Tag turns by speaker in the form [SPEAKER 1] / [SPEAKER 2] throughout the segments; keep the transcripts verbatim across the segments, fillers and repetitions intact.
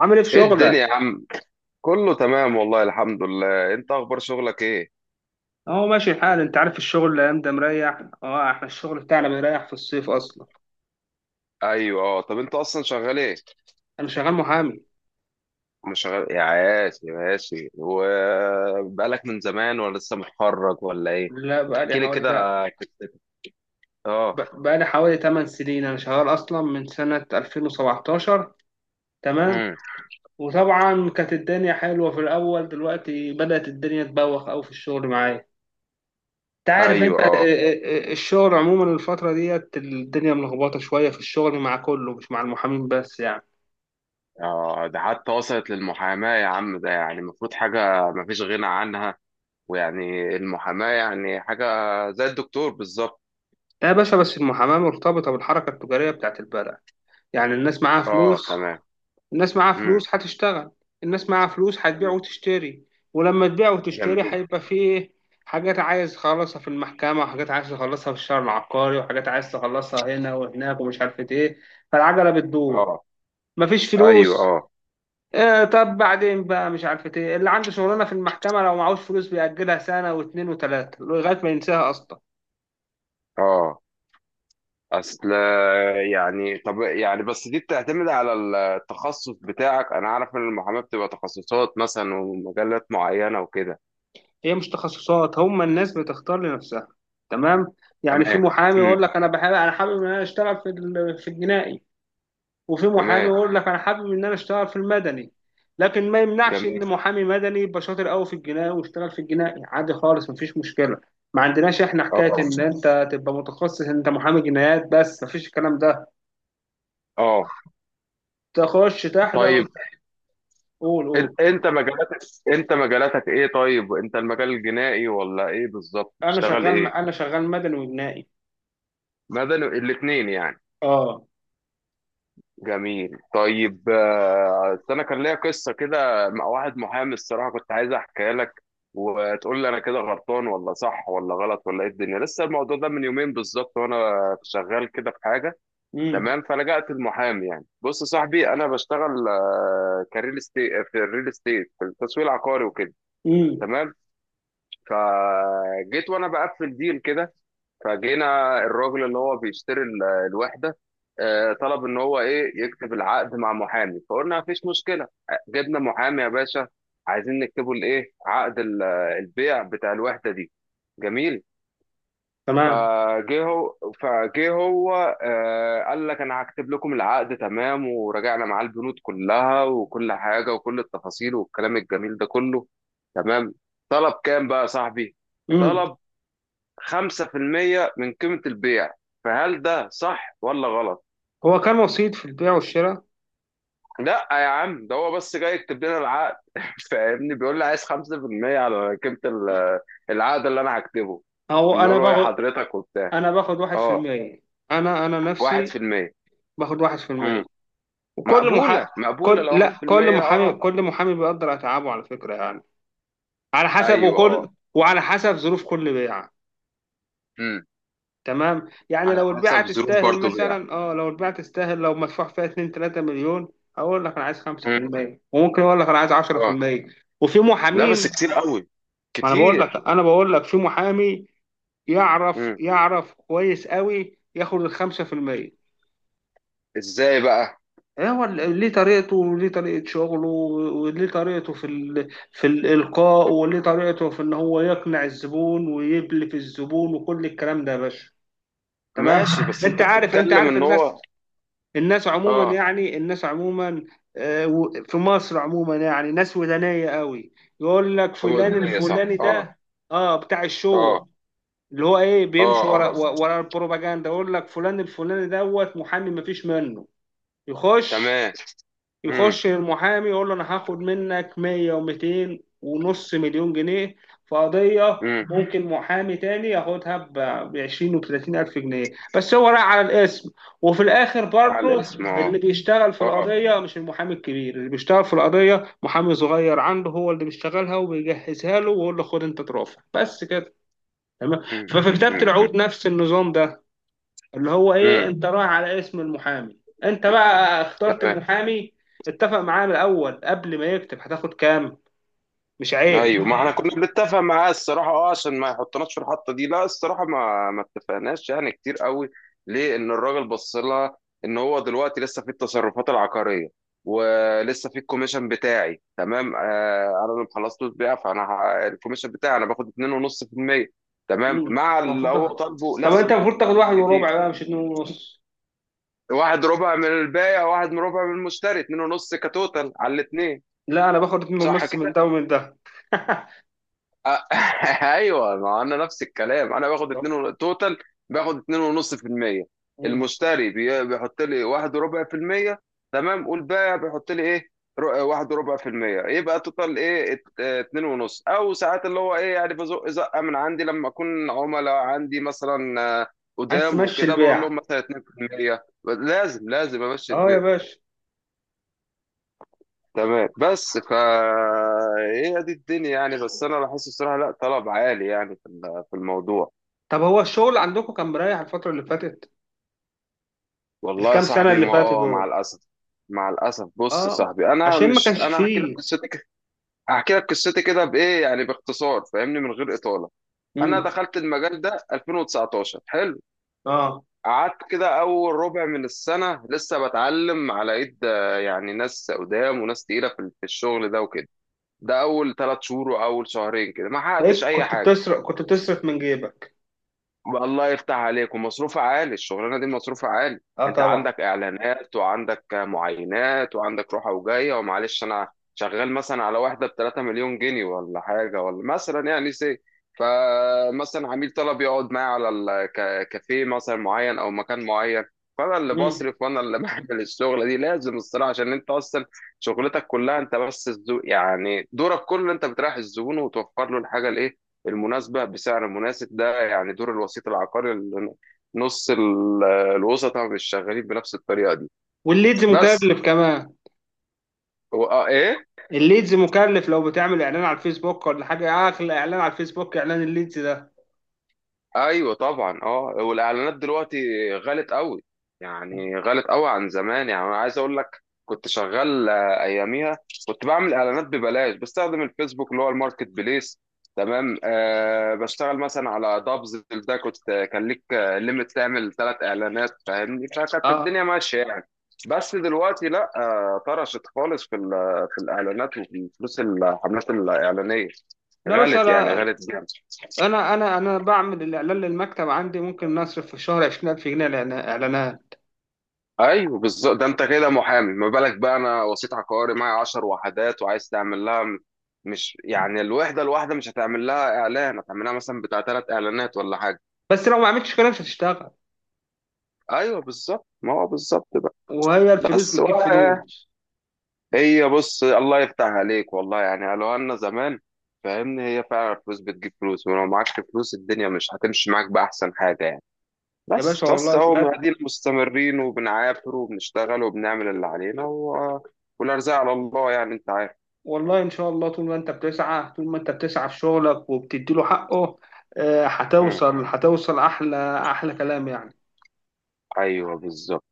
[SPEAKER 1] عامل ايه في
[SPEAKER 2] ايه الدنيا
[SPEAKER 1] شغلك؟
[SPEAKER 2] يا عم؟ كله تمام والله، الحمد لله. انت اخبار شغلك ايه؟
[SPEAKER 1] اهو ماشي الحال، انت عارف الشغل الايام ده مريح. اه احنا الشغل بتاعنا
[SPEAKER 2] اه.
[SPEAKER 1] بيريح في الصيف اصلا.
[SPEAKER 2] ايوه، اه. طب انت اصلا شغال ايه؟
[SPEAKER 1] انا شغال محامي.
[SPEAKER 2] مش شغال يا عاشي، ماشي. وبقالك من زمان ولا لسه متخرج ولا ايه؟
[SPEAKER 1] لا بقالي
[SPEAKER 2] وتحكي لي
[SPEAKER 1] حوالي، لا.
[SPEAKER 2] كده قصتك. اه.
[SPEAKER 1] ب- بقالي حوالي تمن سنين، انا شغال اصلا من سنة ألفين وسبعتاشر. تمام.
[SPEAKER 2] امم.
[SPEAKER 1] وطبعا كانت الدنيا حلوة في الاول، دلوقتي بدأت الدنيا تبوخ قوي في الشغل معايا. انت عارف،
[SPEAKER 2] ايوه،
[SPEAKER 1] انت ال-
[SPEAKER 2] اه،
[SPEAKER 1] ال- ال- الشغل عموما الفترة ديت الدنيا ملخبطة شوية في الشغل مع كله، مش مع المحامين بس يعني.
[SPEAKER 2] اه. ده حتى وصلت للمحاماه يا عم، ده يعني المفروض حاجه مفيش غنى عنها. ويعني المحاماه يعني حاجه زي الدكتور بالظبط.
[SPEAKER 1] لا يا باشا، بس المحاماة مرتبطة بالحركة التجارية بتاعت البلد. يعني الناس معاها
[SPEAKER 2] اه،
[SPEAKER 1] فلوس،
[SPEAKER 2] تمام.
[SPEAKER 1] الناس معاها
[SPEAKER 2] امم.
[SPEAKER 1] فلوس هتشتغل، الناس معاها فلوس هتبيع وتشتري. ولما تبيع وتشتري
[SPEAKER 2] جميل.
[SPEAKER 1] هيبقى فيه إيه؟ حاجات عايز تخلصها في المحكمة، وحاجات عايز تخلصها في الشهر العقاري، وحاجات عايز تخلصها هنا وهناك ومش عارفة ايه. فالعجلة بتدور.
[SPEAKER 2] اه،
[SPEAKER 1] مفيش
[SPEAKER 2] ايوه،
[SPEAKER 1] فلوس.
[SPEAKER 2] اه،
[SPEAKER 1] إيه طب بعدين بقى مش عارفة ايه، اللي عنده شغلانة في المحكمة لو معهوش فلوس بيأجلها سنة واتنين وتلاتة لغاية ما ينساها أصلا.
[SPEAKER 2] اه. اصل يعني، طب، يعني بس دي بتعتمد على التخصص بتاعك. انا اعرف ان المحاماه بتبقى تخصصات مثلا ومجالات معينه وكده.
[SPEAKER 1] هي مش تخصصات، هم الناس بتختار لنفسها. تمام. يعني في
[SPEAKER 2] تمام.
[SPEAKER 1] محامي يقول
[SPEAKER 2] امم.
[SPEAKER 1] لك انا بحب انا حابب ان انا اشتغل في ال- في الجنائي. وفي محامي
[SPEAKER 2] تمام.
[SPEAKER 1] يقول لك انا حابب ان انا اشتغل في المدني. لكن ما يمنعش
[SPEAKER 2] جميل.
[SPEAKER 1] ان محامي مدني يبقى شاطر قوي في الجنائي ويشتغل في الجنائي عادي خالص، مفيش مشكله. ما عندناش احنا حكايه
[SPEAKER 2] اه،
[SPEAKER 1] ان انت تبقى متخصص ان انت محامي جنايات بس، مفيش الكلام ده.
[SPEAKER 2] اه.
[SPEAKER 1] تخش تحضر.
[SPEAKER 2] طيب،
[SPEAKER 1] قول
[SPEAKER 2] إن-
[SPEAKER 1] قول.
[SPEAKER 2] انت مجالاتك انت مجالاتك ايه؟ طيب انت المجال الجنائي ولا ايه بالظبط،
[SPEAKER 1] انا
[SPEAKER 2] بتشتغل
[SPEAKER 1] شغال
[SPEAKER 2] ايه؟
[SPEAKER 1] انا شغال مدني وجنائي.
[SPEAKER 2] مدني، الاثنين يعني.
[SPEAKER 1] اه.
[SPEAKER 2] جميل. طيب، آه، أصل انا كان ليا قصه كده مع واحد محامي، الصراحه كنت عايز احكيها لك وتقول لي انا كده غلطان ولا صح ولا غلط ولا ايه الدنيا. لسه الموضوع ده من يومين بالظبط، وانا شغال كده في حاجه.
[SPEAKER 1] امم.
[SPEAKER 2] تمام. فلجأت المحامي، يعني بص يا صاحبي، انا بشتغل آه، كريل استيت في الريل استيت، في التسويق العقاري وكده.
[SPEAKER 1] امم.
[SPEAKER 2] تمام. فجيت وانا بقفل ديل كده، فجينا الراجل اللي هو بيشتري ال- الوحده. آه، طلب ان هو ايه يكتب العقد مع محامي، فقلنا مفيش مشكله. جبنا محامي يا باشا، عايزين نكتبه الايه، عقد ال- البيع بتاع الوحده دي. جميل.
[SPEAKER 1] تمام.
[SPEAKER 2] فجه هو فجه هو آه، قال لك انا هكتب لكم العقد، تمام. وراجعنا معاه البنود كلها وكل حاجه وكل التفاصيل والكلام الجميل ده كله. تمام. طلب كام بقى يا صاحبي؟ طلب خمسة في المية من قيمة البيع. فهل ده صح ولا غلط؟
[SPEAKER 1] هو كان وسيط في البيع والشراء.
[SPEAKER 2] لا يا عم، ده هو بس جاي يكتب لنا العقد، فاهمني؟ بيقول لي عايز خمسة بالمية على قيمة ال- العقد اللي انا هكتبه.
[SPEAKER 1] او انا
[SPEAKER 2] بنقول له ايه
[SPEAKER 1] باخد
[SPEAKER 2] حضرتك وبتاع.
[SPEAKER 1] انا باخد واحد في
[SPEAKER 2] اه.
[SPEAKER 1] المية. انا انا نفسي
[SPEAKER 2] واحد في المية.
[SPEAKER 1] باخد واحد في المية.
[SPEAKER 2] امم.
[SPEAKER 1] وكل محا
[SPEAKER 2] مقبولة مقبولة
[SPEAKER 1] كل
[SPEAKER 2] لو
[SPEAKER 1] لا كل
[SPEAKER 2] واحد في المية.
[SPEAKER 1] محامي
[SPEAKER 2] اه،
[SPEAKER 1] كل محامي بيقدر اتعابه على فكرة يعني، على حسب،
[SPEAKER 2] ايوه،
[SPEAKER 1] وكل
[SPEAKER 2] اه.
[SPEAKER 1] وعلى حسب ظروف كل بيعة.
[SPEAKER 2] امم.
[SPEAKER 1] تمام. يعني
[SPEAKER 2] على
[SPEAKER 1] لو البيعة
[SPEAKER 2] حسب ظروف
[SPEAKER 1] تستاهل
[SPEAKER 2] برضو بيع.
[SPEAKER 1] مثلا اه لو البيعة تستاهل لو مدفوع فيها اثنين ثلاثة مليون، اقول لك انا عايز
[SPEAKER 2] امم،
[SPEAKER 1] خمسة في المية، وممكن اقول لك انا عايز
[SPEAKER 2] اه.
[SPEAKER 1] عشرة في المية. وفي
[SPEAKER 2] لا، بس
[SPEAKER 1] محامين،
[SPEAKER 2] كتير قوي،
[SPEAKER 1] ما انا بقول
[SPEAKER 2] كتير.
[SPEAKER 1] لك انا بقول لك في محامي يعرف
[SPEAKER 2] امم.
[SPEAKER 1] يعرف كويس قوي ياخد الخمسة في المية.
[SPEAKER 2] ازاي بقى؟
[SPEAKER 1] إيه هو ال- ليه طريقته، وليه طريقة شغله، وليه طريقته في ال... في الإلقاء، وليه طريقته في إن هو يقنع الزبون ويبلف الزبون وكل الكلام ده يا باشا. تمام.
[SPEAKER 2] ماشي، بس
[SPEAKER 1] أنت
[SPEAKER 2] انت
[SPEAKER 1] عارف أنت
[SPEAKER 2] بتتكلم
[SPEAKER 1] عارف
[SPEAKER 2] ان
[SPEAKER 1] الناس
[SPEAKER 2] هو.
[SPEAKER 1] الناس عموما
[SPEAKER 2] اه.
[SPEAKER 1] يعني الناس عموما. آه، و- في مصر عموما يعني ناس ودانية قوي. يقول لك
[SPEAKER 2] هو
[SPEAKER 1] فلان
[SPEAKER 2] ده، هي صح،
[SPEAKER 1] الفلاني
[SPEAKER 2] اه.
[SPEAKER 1] ده اه بتاع الشو،
[SPEAKER 2] اه،
[SPEAKER 1] اللي هو ايه
[SPEAKER 2] اه،
[SPEAKER 1] بيمشي ورا
[SPEAKER 2] اه،
[SPEAKER 1] ورا البروباجندا. يقول لك فلان الفلاني دوت محامي مفيش منه. يخش
[SPEAKER 2] تمام. امم.
[SPEAKER 1] يخش المحامي يقول له انا هاخد منك مية و200 ونص مليون جنيه في قضية.
[SPEAKER 2] امم.
[SPEAKER 1] ممكن محامي تاني ياخدها ب عشرين و ثلاثين ألف جنيه، بس هو راح على الاسم. وفي الآخر
[SPEAKER 2] على
[SPEAKER 1] برضه
[SPEAKER 2] الاسم،
[SPEAKER 1] اللي
[SPEAKER 2] اه.
[SPEAKER 1] بيشتغل في
[SPEAKER 2] اه.
[SPEAKER 1] القضية مش المحامي الكبير، اللي بيشتغل في القضية محامي صغير عنده، هو اللي بيشتغلها وبيجهزها له، ويقول له خد أنت ترافع بس كده. تمام.
[SPEAKER 2] امم
[SPEAKER 1] ففي
[SPEAKER 2] امم.
[SPEAKER 1] كتابة
[SPEAKER 2] امم.
[SPEAKER 1] العقود نفس النظام ده، اللي هو ايه
[SPEAKER 2] امم،
[SPEAKER 1] انت رايح على اسم المحامي. انت بقى اخترت
[SPEAKER 2] تمام.
[SPEAKER 1] المحامي، اتفق معاه من الاول قبل ما يكتب هتاخد كام. مش عيب.
[SPEAKER 2] ايوه، ما احنا كنا بنتفق معاه الصراحه اه، عشان ما يحطناش في الحطه دي. لا، الصراحه ما ما اتفقناش يعني كتير قوي. ليه ان الراجل بص لها ان هو دلوقتي لسه في التصرفات العقاريه، ولسه في الكوميشن بتاعي. تمام، آه انا اللي خلصت بيها، فانا ه- الكوميشن بتاعي انا باخد اتنين ونص في المية. تمام،
[SPEAKER 1] مم.
[SPEAKER 2] مع اللي
[SPEAKER 1] المفروض
[SPEAKER 2] هو
[SPEAKER 1] تاخد
[SPEAKER 2] طالبه. لا،
[SPEAKER 1] طب انت
[SPEAKER 2] ك-
[SPEAKER 1] المفروض تاخد واحد وربع
[SPEAKER 2] كتير.
[SPEAKER 1] بقى مش اتنين ونص.
[SPEAKER 2] واحد ربع من البايع، واحد من ربع من المشتري، اتنين ونص كتوتال على الاتنين.
[SPEAKER 1] لا انا باخد اتنين
[SPEAKER 2] صح
[SPEAKER 1] ونص من
[SPEAKER 2] كده؟
[SPEAKER 1] ده ومن ده.
[SPEAKER 2] آه، ايوه، ما انا نفس الكلام، انا باخد اتنين
[SPEAKER 1] طب.
[SPEAKER 2] ون- توتال. باخد اتنين ونص في المية.
[SPEAKER 1] مم.
[SPEAKER 2] المشتري بي- بيحط لي واحد وربع في المية، تمام. والبائع بيحط لي ايه؟ ر- واحد وربع في المية، يبقى توتال ايه؟ ات- اه، اتنين ونص. او ساعات اللي هو ايه يعني بزق زقة من عندي، لما اكون عملاء عندي مثلا آه،
[SPEAKER 1] عايز
[SPEAKER 2] قدام
[SPEAKER 1] تمشي
[SPEAKER 2] وكده، بقول
[SPEAKER 1] البيع؟
[SPEAKER 2] لهم مثلا اتنين في المية، لازم لازم امشي
[SPEAKER 1] اه يا
[SPEAKER 2] البيع.
[SPEAKER 1] باشا.
[SPEAKER 2] تمام. بس فا ايه دي الدنيا يعني. بس انا بحس الصراحه لا، طلب عالي يعني في ال- في الموضوع.
[SPEAKER 1] طب هو الشغل عندكم كان مريح الفترة اللي فاتت،
[SPEAKER 2] والله يا
[SPEAKER 1] الكام سنة
[SPEAKER 2] صاحبي
[SPEAKER 1] اللي
[SPEAKER 2] ما،
[SPEAKER 1] فاتت
[SPEAKER 2] اه مع
[SPEAKER 1] دول؟
[SPEAKER 2] الاسف، مع الاسف. بص يا
[SPEAKER 1] اه،
[SPEAKER 2] صاحبي، انا
[SPEAKER 1] عشان ما
[SPEAKER 2] مش
[SPEAKER 1] كانش
[SPEAKER 2] انا هحكي لك
[SPEAKER 1] فيه.
[SPEAKER 2] قصتي ك- هحكي لك قصتي كده بايه يعني، باختصار، فاهمني، من غير اطاله. انا
[SPEAKER 1] مم.
[SPEAKER 2] دخلت المجال ده ألفين وتسعتاشر. حلو.
[SPEAKER 1] اه،
[SPEAKER 2] قعدت كده اول ربع من السنه لسه بتعلم على ايد، آه، يعني ناس قدام وناس تقيله في في الشغل ده وكده. ده اول ثلاث شهور واول شهرين كده ما حققتش
[SPEAKER 1] تلاقيك
[SPEAKER 2] اي
[SPEAKER 1] كنت
[SPEAKER 2] حاجه.
[SPEAKER 1] بتصرف كنت بتصرف من جيبك.
[SPEAKER 2] الله يفتح عليك. ومصروفها عالي الشغلانه دي، مصروفها عالي.
[SPEAKER 1] اه
[SPEAKER 2] انت
[SPEAKER 1] طبعا.
[SPEAKER 2] عندك اعلانات وعندك معاينات وعندك روحه وجايه، ومعلش. انا شغال مثلا على واحده ب 3 مليون جنيه ولا حاجه، ولا مثلا يعني سي. فمثلا عميل طلب يقعد معايا على الكافيه مثلا معين او مكان معين. فانا اللي
[SPEAKER 1] مم.
[SPEAKER 2] بصرف وانا اللي بعمل الشغله دي، لازم الصراحه، عشان انت اصلا شغلتك كلها انت، بس الزو... يعني دورك كله انت بتريح الزبون، وتوفر له الحاجه الايه المناسبة بسعر مناسب. ده يعني دور الوسيط العقاري، اللي نص ال- الوسطاء مش شغالين بنفس الطريقة دي.
[SPEAKER 1] والليدز
[SPEAKER 2] بس
[SPEAKER 1] مكلف كمان.
[SPEAKER 2] هو- آه، ايه.
[SPEAKER 1] الليدز مكلف، لو بتعمل اعلان على الفيسبوك ولا حاجه، اغلى اعلان على الفيسبوك اعلان الليدز ده.
[SPEAKER 2] ايوه طبعا، اه. والاعلانات دلوقتي غلت قوي، يعني غلت قوي عن زمان. يعني انا عايز اقول لك، كنت شغال آه، اياميها كنت بعمل اعلانات ببلاش، بستخدم الفيسبوك اللي هو الماركت بليس. تمام، أه بشتغل مثلا على دابز. ده كنت آه، كان ليك ليميت تعمل ثلاث اعلانات، فاهمني. فكانت
[SPEAKER 1] اه.
[SPEAKER 2] الدنيا ماشيه يعني. بس دلوقتي لا، آه، طرشت خالص في ال- في الاعلانات. وفي فلوس الحملات الاعلانيه
[SPEAKER 1] لا باشا،
[SPEAKER 2] غلت، يعني
[SPEAKER 1] لا.
[SPEAKER 2] غلت جامد.
[SPEAKER 1] انا انا انا بعمل الاعلان للمكتب عندي، ممكن نصرف في الشهر عشرين ألف جنيه إعلان- اعلانات.
[SPEAKER 2] ايوه بالظبط. ده انت كده محامي، ما بالك بقى انا وسيط عقاري معايا 10 وحدات وعايز تعمل لها م- مش يعني الوحده الواحده مش هتعمل لها اعلان، هتعمل لها مثلا بتاع ثلاث اعلانات ولا حاجه.
[SPEAKER 1] بس لو ما عملتش كده مش هتشتغل.
[SPEAKER 2] ايوه بالظبط، ما هو بالظبط بقى.
[SPEAKER 1] وهي الفلوس
[SPEAKER 2] بس
[SPEAKER 1] بتجيب
[SPEAKER 2] ولا.
[SPEAKER 1] فلوس.
[SPEAKER 2] هي، بص الله يفتح عليك والله، يعني قالوا لنا زمان. فاهمني، هي فعلا الفلوس بتجيب فلوس، ولو معكش فلوس الدنيا مش هتمشي معاك باحسن حاجه يعني.
[SPEAKER 1] يا
[SPEAKER 2] بس
[SPEAKER 1] باشا
[SPEAKER 2] بس
[SPEAKER 1] والله
[SPEAKER 2] اهو
[SPEAKER 1] بجد.
[SPEAKER 2] قاعدين مستمرين وبنعافر وبنشتغل وبنعمل اللي علينا و... والارزاق على الله يعني، انت عارف.
[SPEAKER 1] والله إن شاء الله، طول ما أنت بتسعى طول ما أنت بتسعى في شغلك وبتديله حقه، آه،
[SPEAKER 2] مم.
[SPEAKER 1] هتوصل هتوصل أحلى، أحلى كلام يعني.
[SPEAKER 2] ايوه بالظبط.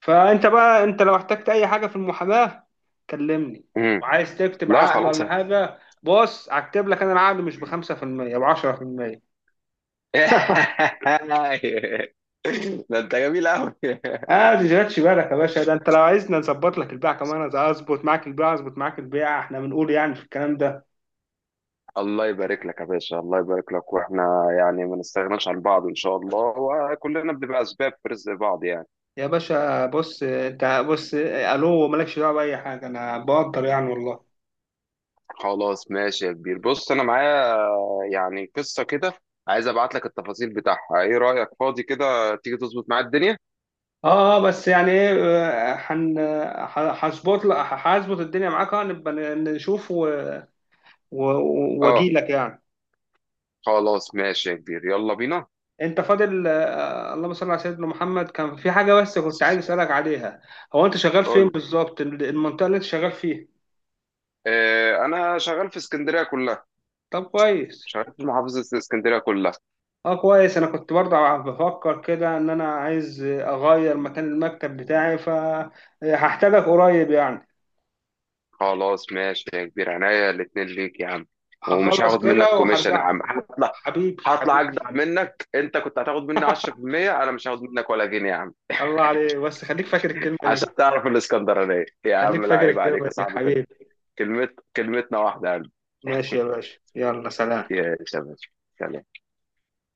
[SPEAKER 1] فأنت بقى أنت لو احتجت أي حاجة في المحاماة كلمني.
[SPEAKER 2] مم.
[SPEAKER 1] وعايز تكتب
[SPEAKER 2] لا
[SPEAKER 1] عقد
[SPEAKER 2] خلاص.
[SPEAKER 1] ولا حاجة، بص هكتب لك أنا العقد، مش
[SPEAKER 2] مم.
[SPEAKER 1] بخمسة في المية، بعشرة في المية.
[SPEAKER 2] ده انت جميل قوي.
[SPEAKER 1] آه ما تشغلش بالك يا باشا، ده أنت لو عايزنا نظبط لك البيع كمان انا أظبط معاك البيع، أظبط معاك البيع إحنا بنقول يعني في الكلام ده.
[SPEAKER 2] الله يبارك لك يا باشا، الله يبارك لك. واحنا يعني ما نستغناش عن بعض ان شاء الله، وكلنا بنبقى اسباب في رزق بعض يعني.
[SPEAKER 1] يا باشا بص، أنت بص آه، ألو مالكش دعوة بأي حاجة، أنا بقدر يعني والله.
[SPEAKER 2] خلاص، ماشي يا كبير. بص انا معايا يعني قصة كده، عايز ابعت لك التفاصيل بتاعها. ايه رأيك؟ فاضي كده تيجي تظبط معايا الدنيا؟
[SPEAKER 1] اه، اه، بس يعني ايه. آه، هن ه- هظبط لك- هظبط الدنيا معاك. آه، نبقى نشوف و- و- واجي
[SPEAKER 2] اه.
[SPEAKER 1] لك يعني.
[SPEAKER 2] خلاص، ماشي يا كبير، يلا بينا.
[SPEAKER 1] انت فاضل؟ آه، اللهم صل على سيدنا محمد، كان في حاجه بس
[SPEAKER 2] على
[SPEAKER 1] كنت عايز
[SPEAKER 2] السلامة.
[SPEAKER 1] اسالك عليها. هو انت شغال
[SPEAKER 2] قول
[SPEAKER 1] فين
[SPEAKER 2] لي.
[SPEAKER 1] بالظبط؟ المنطقه اللي انت شغال فيها؟
[SPEAKER 2] آه، انا شغال في اسكندرية كلها.
[SPEAKER 1] طب كويس.
[SPEAKER 2] مش عارف، محافظة اسكندرية كلها.
[SPEAKER 1] اه كويس، انا كنت برضه ع- بفكر كده ان انا عايز اغير مكان المكتب بتاعي، فهحتاجك قريب يعني.
[SPEAKER 2] خلاص، ماشي يا كبير، عينيا الاتنين ليك يا عم. ومش
[SPEAKER 1] هخلص
[SPEAKER 2] هاخد
[SPEAKER 1] كده
[SPEAKER 2] منك كوميشن يا
[SPEAKER 1] وهرجع.
[SPEAKER 2] عم، هطلع
[SPEAKER 1] حبيبي
[SPEAKER 2] هطلع
[SPEAKER 1] حبيبي.
[SPEAKER 2] اجدع منك. انت كنت هتاخد مني عشرة في المية، انا مش هاخد منك ولا جنيه يا عم.
[SPEAKER 1] الله عليك، بس خليك فاكر الكلمه دي.
[SPEAKER 2] عشان تعرف الاسكندرانية يا
[SPEAKER 1] خليك
[SPEAKER 2] عم، لا
[SPEAKER 1] فاكر
[SPEAKER 2] عيب عليك
[SPEAKER 1] الكلمة
[SPEAKER 2] يا
[SPEAKER 1] دي
[SPEAKER 2] صاحبي.
[SPEAKER 1] حبيبي.
[SPEAKER 2] كلمة، كلمتنا واحدة يا قلبي.
[SPEAKER 1] ماشي يا باشا، يلا سلام.
[SPEAKER 2] يا شباب، سلام.